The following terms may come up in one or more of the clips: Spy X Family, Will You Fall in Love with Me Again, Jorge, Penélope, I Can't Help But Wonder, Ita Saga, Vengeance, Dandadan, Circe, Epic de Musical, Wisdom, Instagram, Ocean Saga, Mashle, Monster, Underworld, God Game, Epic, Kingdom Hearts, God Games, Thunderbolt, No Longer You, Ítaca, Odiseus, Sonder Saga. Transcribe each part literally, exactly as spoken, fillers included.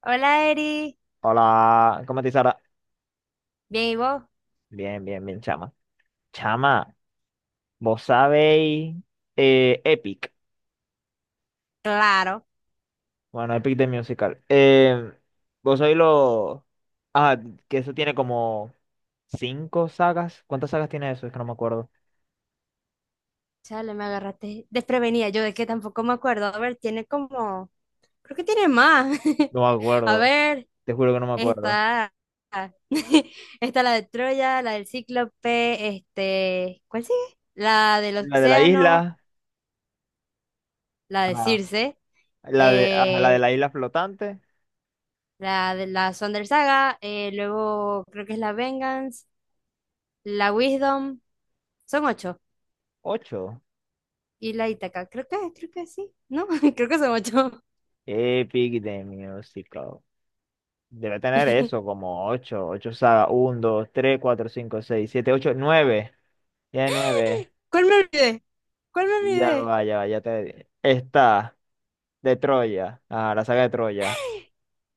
Hola, Eri. Hola, ¿cómo te Sara? Bien, ¿y vos? Bien, bien, bien, chama. Chama, vos sabéis eh, Epic. Claro. Bueno, Epic de Musical. Eh, vos sabéis lo. Ah, que eso tiene como cinco sagas. ¿Cuántas sagas tiene eso? Es que no me acuerdo. Chale, me agarraste desprevenida. Yo de que tampoco me acuerdo. A ver, tiene como... Creo que tiene más. No me A acuerdo. ver, Te juro que no me acuerdo. está... Está la de Troya, la del Cíclope, este... ¿Cuál sigue? La del La de la Océano, isla. la de Ajá. Circe, La de, ajá, la de eh, la isla flotante. la de la Sonder Saga, eh, luego creo que es la Vengeance, la Wisdom. Son ocho. Ocho. Y la Ítaca. Creo que, creo que sí, ¿no? Creo que son ocho. Epic de Musical. Debe tener eso, como ocho. Ocho sagas. Uno, dos, tres, cuatro, cinco, seis, siete, ocho, nueve. Tiene nueve. ¿Cuál me olvidé? ¿Cuál me Ya olvidé? va, ya va, ya te... Está de Troya. Ah, la saga de Troya.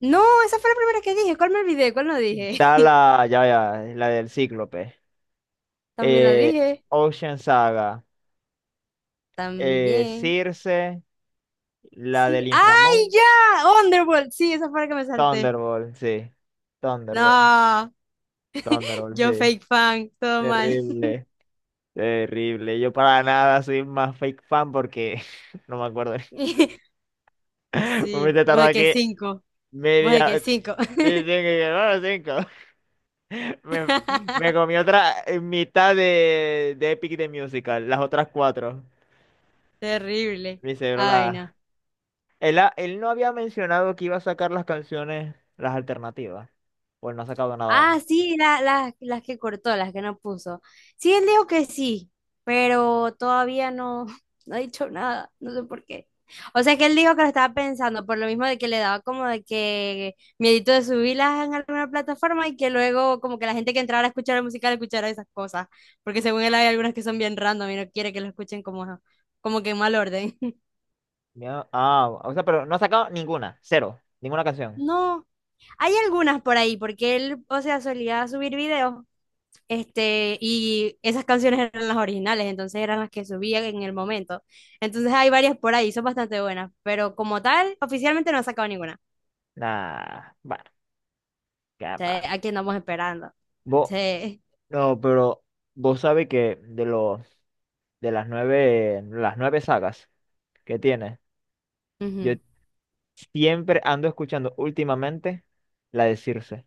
No, esa fue la primera que dije. ¿Cuál me olvidé? ¿Cuál no dije? Está la, ya, ya, la del Cíclope. También la Eh, dije. Ocean Saga. Eh, También. Circe. La Sí. del ¡Ay, inframundo. ya! Oh, Underworld. Sí, esa fue la que me salté. Thunderbolt, sí. Thunderbolt. No, Thunderbolt, yo sí. fake fan, todo mal. Terrible. Terrible. Yo para nada soy más fake fan porque no me acuerdo. Me he Sí, vos tardado de que aquí cinco, vos de que media... cinco. Sí, sí, que- bueno, cinco. Me, me comí otra mitad de, de Epic de Musical, las otras cuatro. Terrible. Mi cerebro Ay, no. la... Él, ha- él no había mencionado que iba a sacar las canciones, las alternativas. Pues no ha sacado nada Ah, aún. sí, la- la- las que cortó, las que no puso. Sí, él dijo que sí, pero todavía no, no ha dicho nada, no sé por qué. O sea que él dijo que lo estaba pensando, por lo mismo de que le daba como de que miedito de subirlas en alguna plataforma y que luego como que la gente que entrara a escuchar la música le escuchara esas cosas, porque según él hay algunas que son bien random y no quiere que lo escuchen como, como que en mal orden. Ya- Ah, o sea, pero no ha sacado ninguna, cero, ninguna canción. No, hay algunas por ahí, porque él, o sea, solía subir videos. Este, y esas canciones eran las originales, entonces eran las que subían en el momento. Entonces hay varias por ahí, son bastante buenas, pero como tal, oficialmente no ha sacado ninguna. Nah, bueno, qué Sí, va. aquí andamos esperando. Vos, Sí. no, pero vos sabés que de los, de las nueve, las nueve sagas que tiene, yo Ujú. siempre ando escuchando últimamente la de Circe.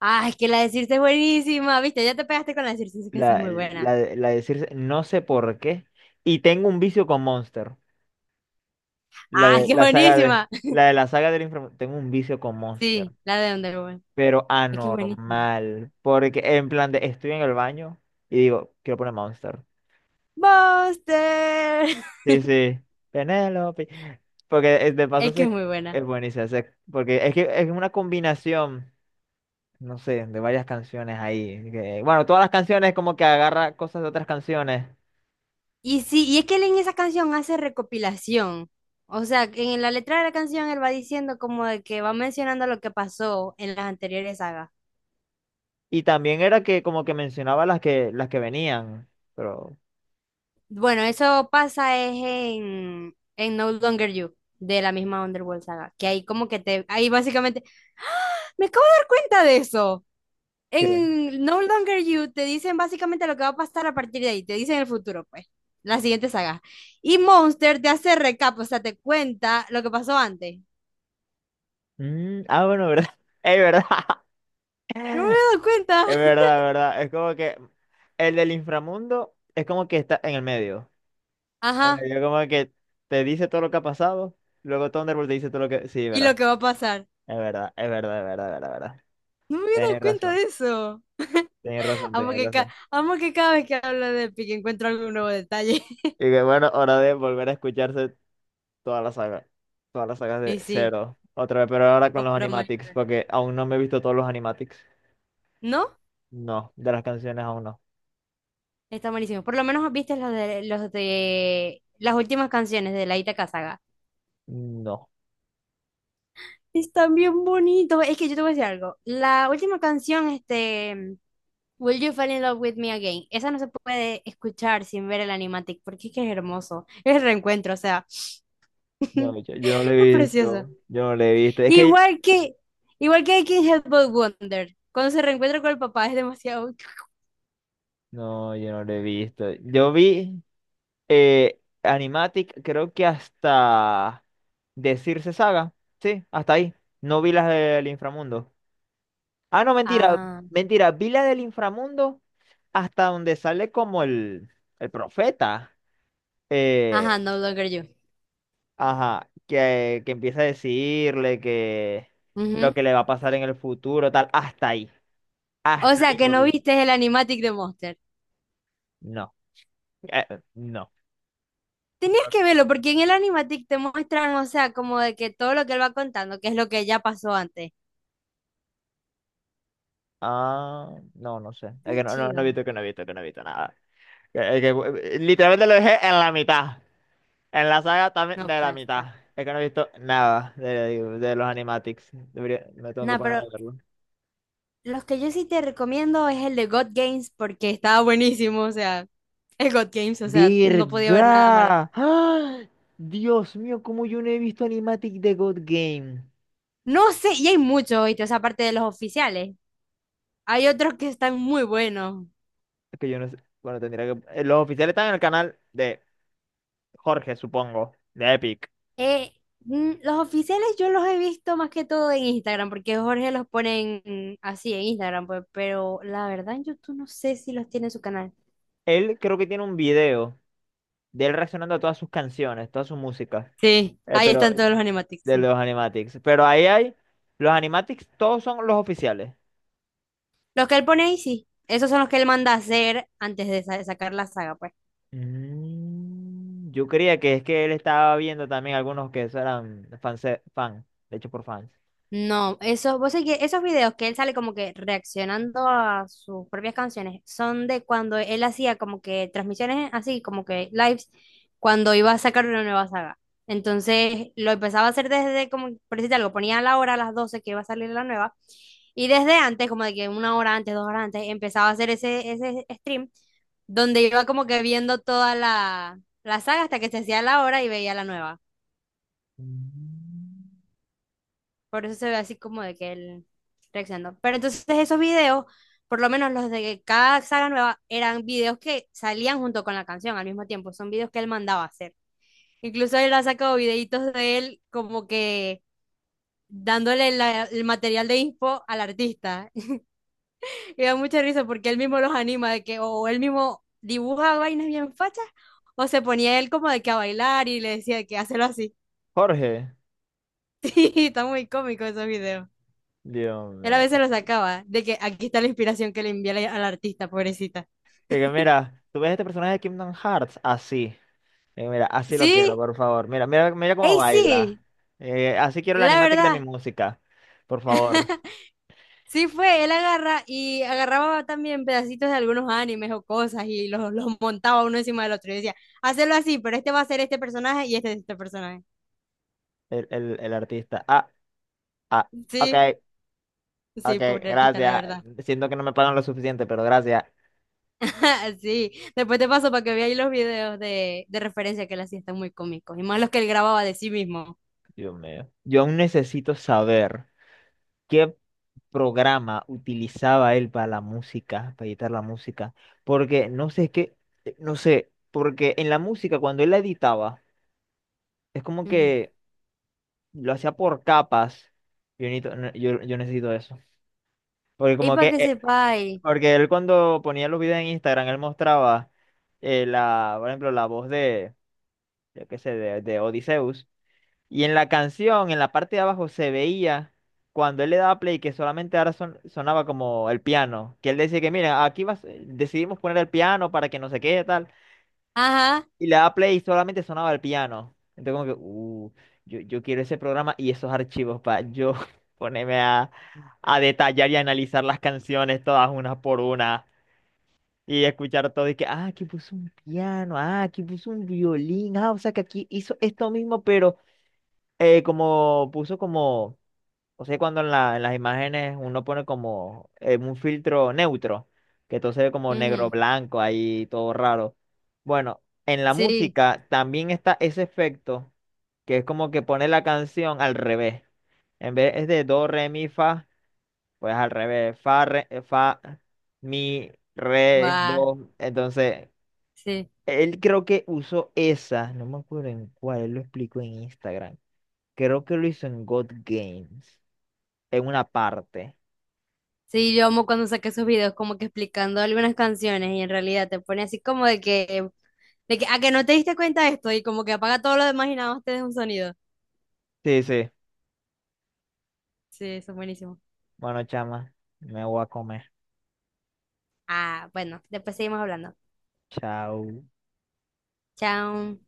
Ah, es que la de Circe es buenísima, viste, ya te pegaste con la de Circe, es que esa es La, muy buena. la, de- la de Circe, no sé por qué. Y tengo un vicio con Monster. La Ah, es de que es la saga de buenísima. la de la saga del inframundo. Tengo un vicio con Monster. Sí, la de Underworld. Pero Es que es buenísima. anormal. Porque en plan de estoy en el baño y digo, quiero poner Monster. Buster. Sí, sí. Penélope. Porque eh, de paso Es que es se, muy buena. es buenísimo. Se- porque es que es una combinación, no sé, de varias canciones ahí. Que- bueno, todas las canciones como que agarra cosas de otras canciones. Y sí, y es que él en esa canción hace recopilación. O sea, que en la letra de la canción él va diciendo como de que va mencionando lo que pasó en las anteriores sagas. Y también era que como que mencionaba las que las que venían, pero Bueno, eso pasa es en, en No Longer You, de la misma Underworld saga, que ahí como que te, ahí básicamente, ¡ah! Me acabo de dar cuenta de eso. ¿qué? En No Longer You te dicen básicamente lo que va a pasar a partir de ahí, te dicen el futuro, pues, la siguiente saga. Y Monster te hace recap, o sea, te cuenta lo que pasó antes. Mm, ah, bueno, ¿verdad? Es verdad. No me había dado cuenta. Es verdad, verdad. Es como que el del inframundo es como que está en el medio. En el Ajá, medio como que te dice todo lo que ha pasado, luego Thunderbolt te dice todo lo que... Sí, y lo verdad. que va a pasar. Es verdad, es verdad, es verdad, es verdad, es verdad. No me había Tenés dado cuenta razón, de eso. tenés razón, Amo tenés que, ca- razón. amo que cada vez que hablo de Epic encuentro algún nuevo detalle. Y que bueno, hora de volver a escucharse toda la saga. Todas las sagas de Y sí, cero. Otra vez, pero ahora con los obra animatics, maestra. porque aún no me he visto todos los animatics. ¿No? No, de las canciones aún no. Está buenísimo. Por lo menos viste los de, los de las últimas canciones de la Ita Saga. No. Están bien bonitos. Es que yo te voy a decir algo. La última canción, este, Will You Fall in Love with Me Again? Esa no se puede escuchar sin ver el animatic porque es que es hermoso. Es el reencuentro, o sea, No, yo, yo no lo es he precioso. visto. Yo no lo he visto. Es que. Igual que, igual que I Can't Help But Wonder. Cuando se reencuentra con el papá es demasiado. No, yo no lo he visto. Yo vi eh, animatic, creo que hasta decirse saga. Sí, hasta ahí. No vi las del inframundo. Ah, no, mentira. Ah, Mentira. Vi la del inframundo hasta donde sale como el, el profeta. Eh, ajá, No Longer You. Ajá, que, que empieza a decirle que lo Ujú. que le va a pasar en el futuro, tal, hasta ahí, O hasta sea, ahí que lo no vi. viste el animatic de Monster. No, eh, no, Tenías no, que verlo porque en el animatic te muestran, o sea, como de que todo lo que él va contando, que es lo que ya pasó antes. ah, no, no sé, es que Tan no, no, no chido. he visto que no he visto que no he visto nada. Eh, que, eh, literalmente lo dejé en la mitad, en la saga también No de la pasa. mitad. Es que no he visto nada de, de los animatics. Debería- me tengo que No, poner a pero verlo. los que yo sí te recomiendo es el de God Games porque estaba buenísimo, o sea, el God Games, o sea, no podía ver nada malo. ¿Verdad? ¡Ah! Dios mío, cómo yo no he visto animatic de God Game. No sé, y hay muchos, ¿viste? O sea, aparte de los oficiales. Hay otros que están muy buenos. Es que yo no sé. Bueno, tendría que. eh, Los oficiales están en el canal de Jorge, supongo, de Epic. Eh, mm, los oficiales yo los he visto más que todo en Instagram, porque Jorge los pone en- así en Instagram, pues, pero la verdad en YouTube no sé si los tiene en su canal. Él creo que tiene un video de él reaccionando a todas sus canciones, todas sus músicas, Sí, eh, ahí pero están eh, todos los animatics, de sí. los animatics. Pero ahí hay, los animatics todos son los oficiales. Los que él pone ahí, sí. Esos son los que él manda a hacer antes de sa- sacar la saga, pues. Mm, yo creía que es que él estaba viendo también algunos que eso eran fans, fan, de hecho por fans. No, eso, vos sabés que esos videos que él sale como que reaccionando a sus propias canciones son de cuando él hacía como que transmisiones así, como que lives, cuando iba a sacar una nueva saga. Entonces lo empezaba a hacer desde como, por decirte algo, ponía la hora a las doce que iba a salir la nueva y desde antes, como de que una hora antes, dos horas antes, empezaba a hacer ese, ese stream donde iba como que viendo toda la, la saga hasta que se hacía la hora y veía la nueva. Mm. Por eso se ve así como de que él reaccionó. Pero entonces esos videos, por lo menos los de cada saga nueva, eran videos que salían junto con la canción al mismo tiempo. Son videos que él mandaba hacer. Incluso él ha sacado videitos de él como que dándole la- el material de info al artista. Y da mucha risa porque él mismo los anima de que o él mismo dibuja vainas bien fachas o se ponía él como de que a bailar y le decía que hazlo así. Jorge, Sí, está muy cómico esos videos. Dios Él a mío. veces lo sacaba, de que aquí está la inspiración que le envié al al artista, pobrecita. Es que mira, tú ves este personaje de Kingdom Hearts así. Eh, mira, así lo quiero, Sí, por favor. Mira, mira, mira cómo ey, baila. sí, Eh, así quiero la la animática de verdad, mi música, por favor, sí fue, él agarra y agarraba también pedacitos de algunos animes o cosas y los, los montaba uno encima del otro y decía, hacelo así, pero este va a ser este personaje y este es este personaje. el, el, el artista. Ah, ah, ok, Sí, ok, sí, pobre artista, la gracias. verdad. Siento que no me pagan lo suficiente, pero gracias. Sí, después te paso para que veáis los videos de, de referencia que él hacía, están muy cómicos, y más los que él grababa de sí mismo. Dios mío. Yo aún necesito saber qué programa utilizaba él para la música, para editar la música, porque no sé, es que, eh, no sé, porque en la música cuando él la editaba, es como Ujú. que lo hacía por capas. Yo necesito, yo, yo necesito eso. Porque Y como para que, que eh, sepáis, porque él cuando ponía los videos en Instagram, él mostraba eh, la, por ejemplo, la voz de, yo qué sé, de, de Odiseus. Y en la canción, en la parte de abajo, se veía cuando él le daba play que solamente ahora son- sonaba como el piano. Que él decía que, mira, aquí vas, decidimos poner el piano para que no se quede tal. ajá, Y le daba play y solamente sonaba el piano. Entonces como que, uh, yo, yo quiero ese programa y esos archivos para yo ponerme a, a detallar y analizar las canciones todas una por una. Y escuchar todo y que, ah, aquí puso un piano, ah, aquí puso un violín, ah, o sea que aquí hizo esto mismo, pero eh, como puso como, o sea, cuando en la, en las imágenes uno pone como eh, un filtro neutro, que todo se ve como negro ujú, blanco ahí, todo raro. Bueno, en la sí. música también está ese efecto, que es como que pone la canción al revés. En vez es de do, re, mi, fa. Pues al revés, fa, re, eh, fa, mi, re, Guau, do. Entonces, sí. él creo que usó esa, no me acuerdo en cuál, él lo explicó en Instagram. Creo que lo hizo en God Games, en una parte. Sí, yo amo cuando saqué esos videos como que explicando algunas canciones y en realidad te pone así como de que, de que, a que no te diste cuenta de esto y como que apaga todo lo demás y nada más te deja un sonido. Sí, sí. Sí, eso es buenísimo. Bueno, chama, me voy a comer. Ah, bueno, después seguimos hablando. Chao. Chao.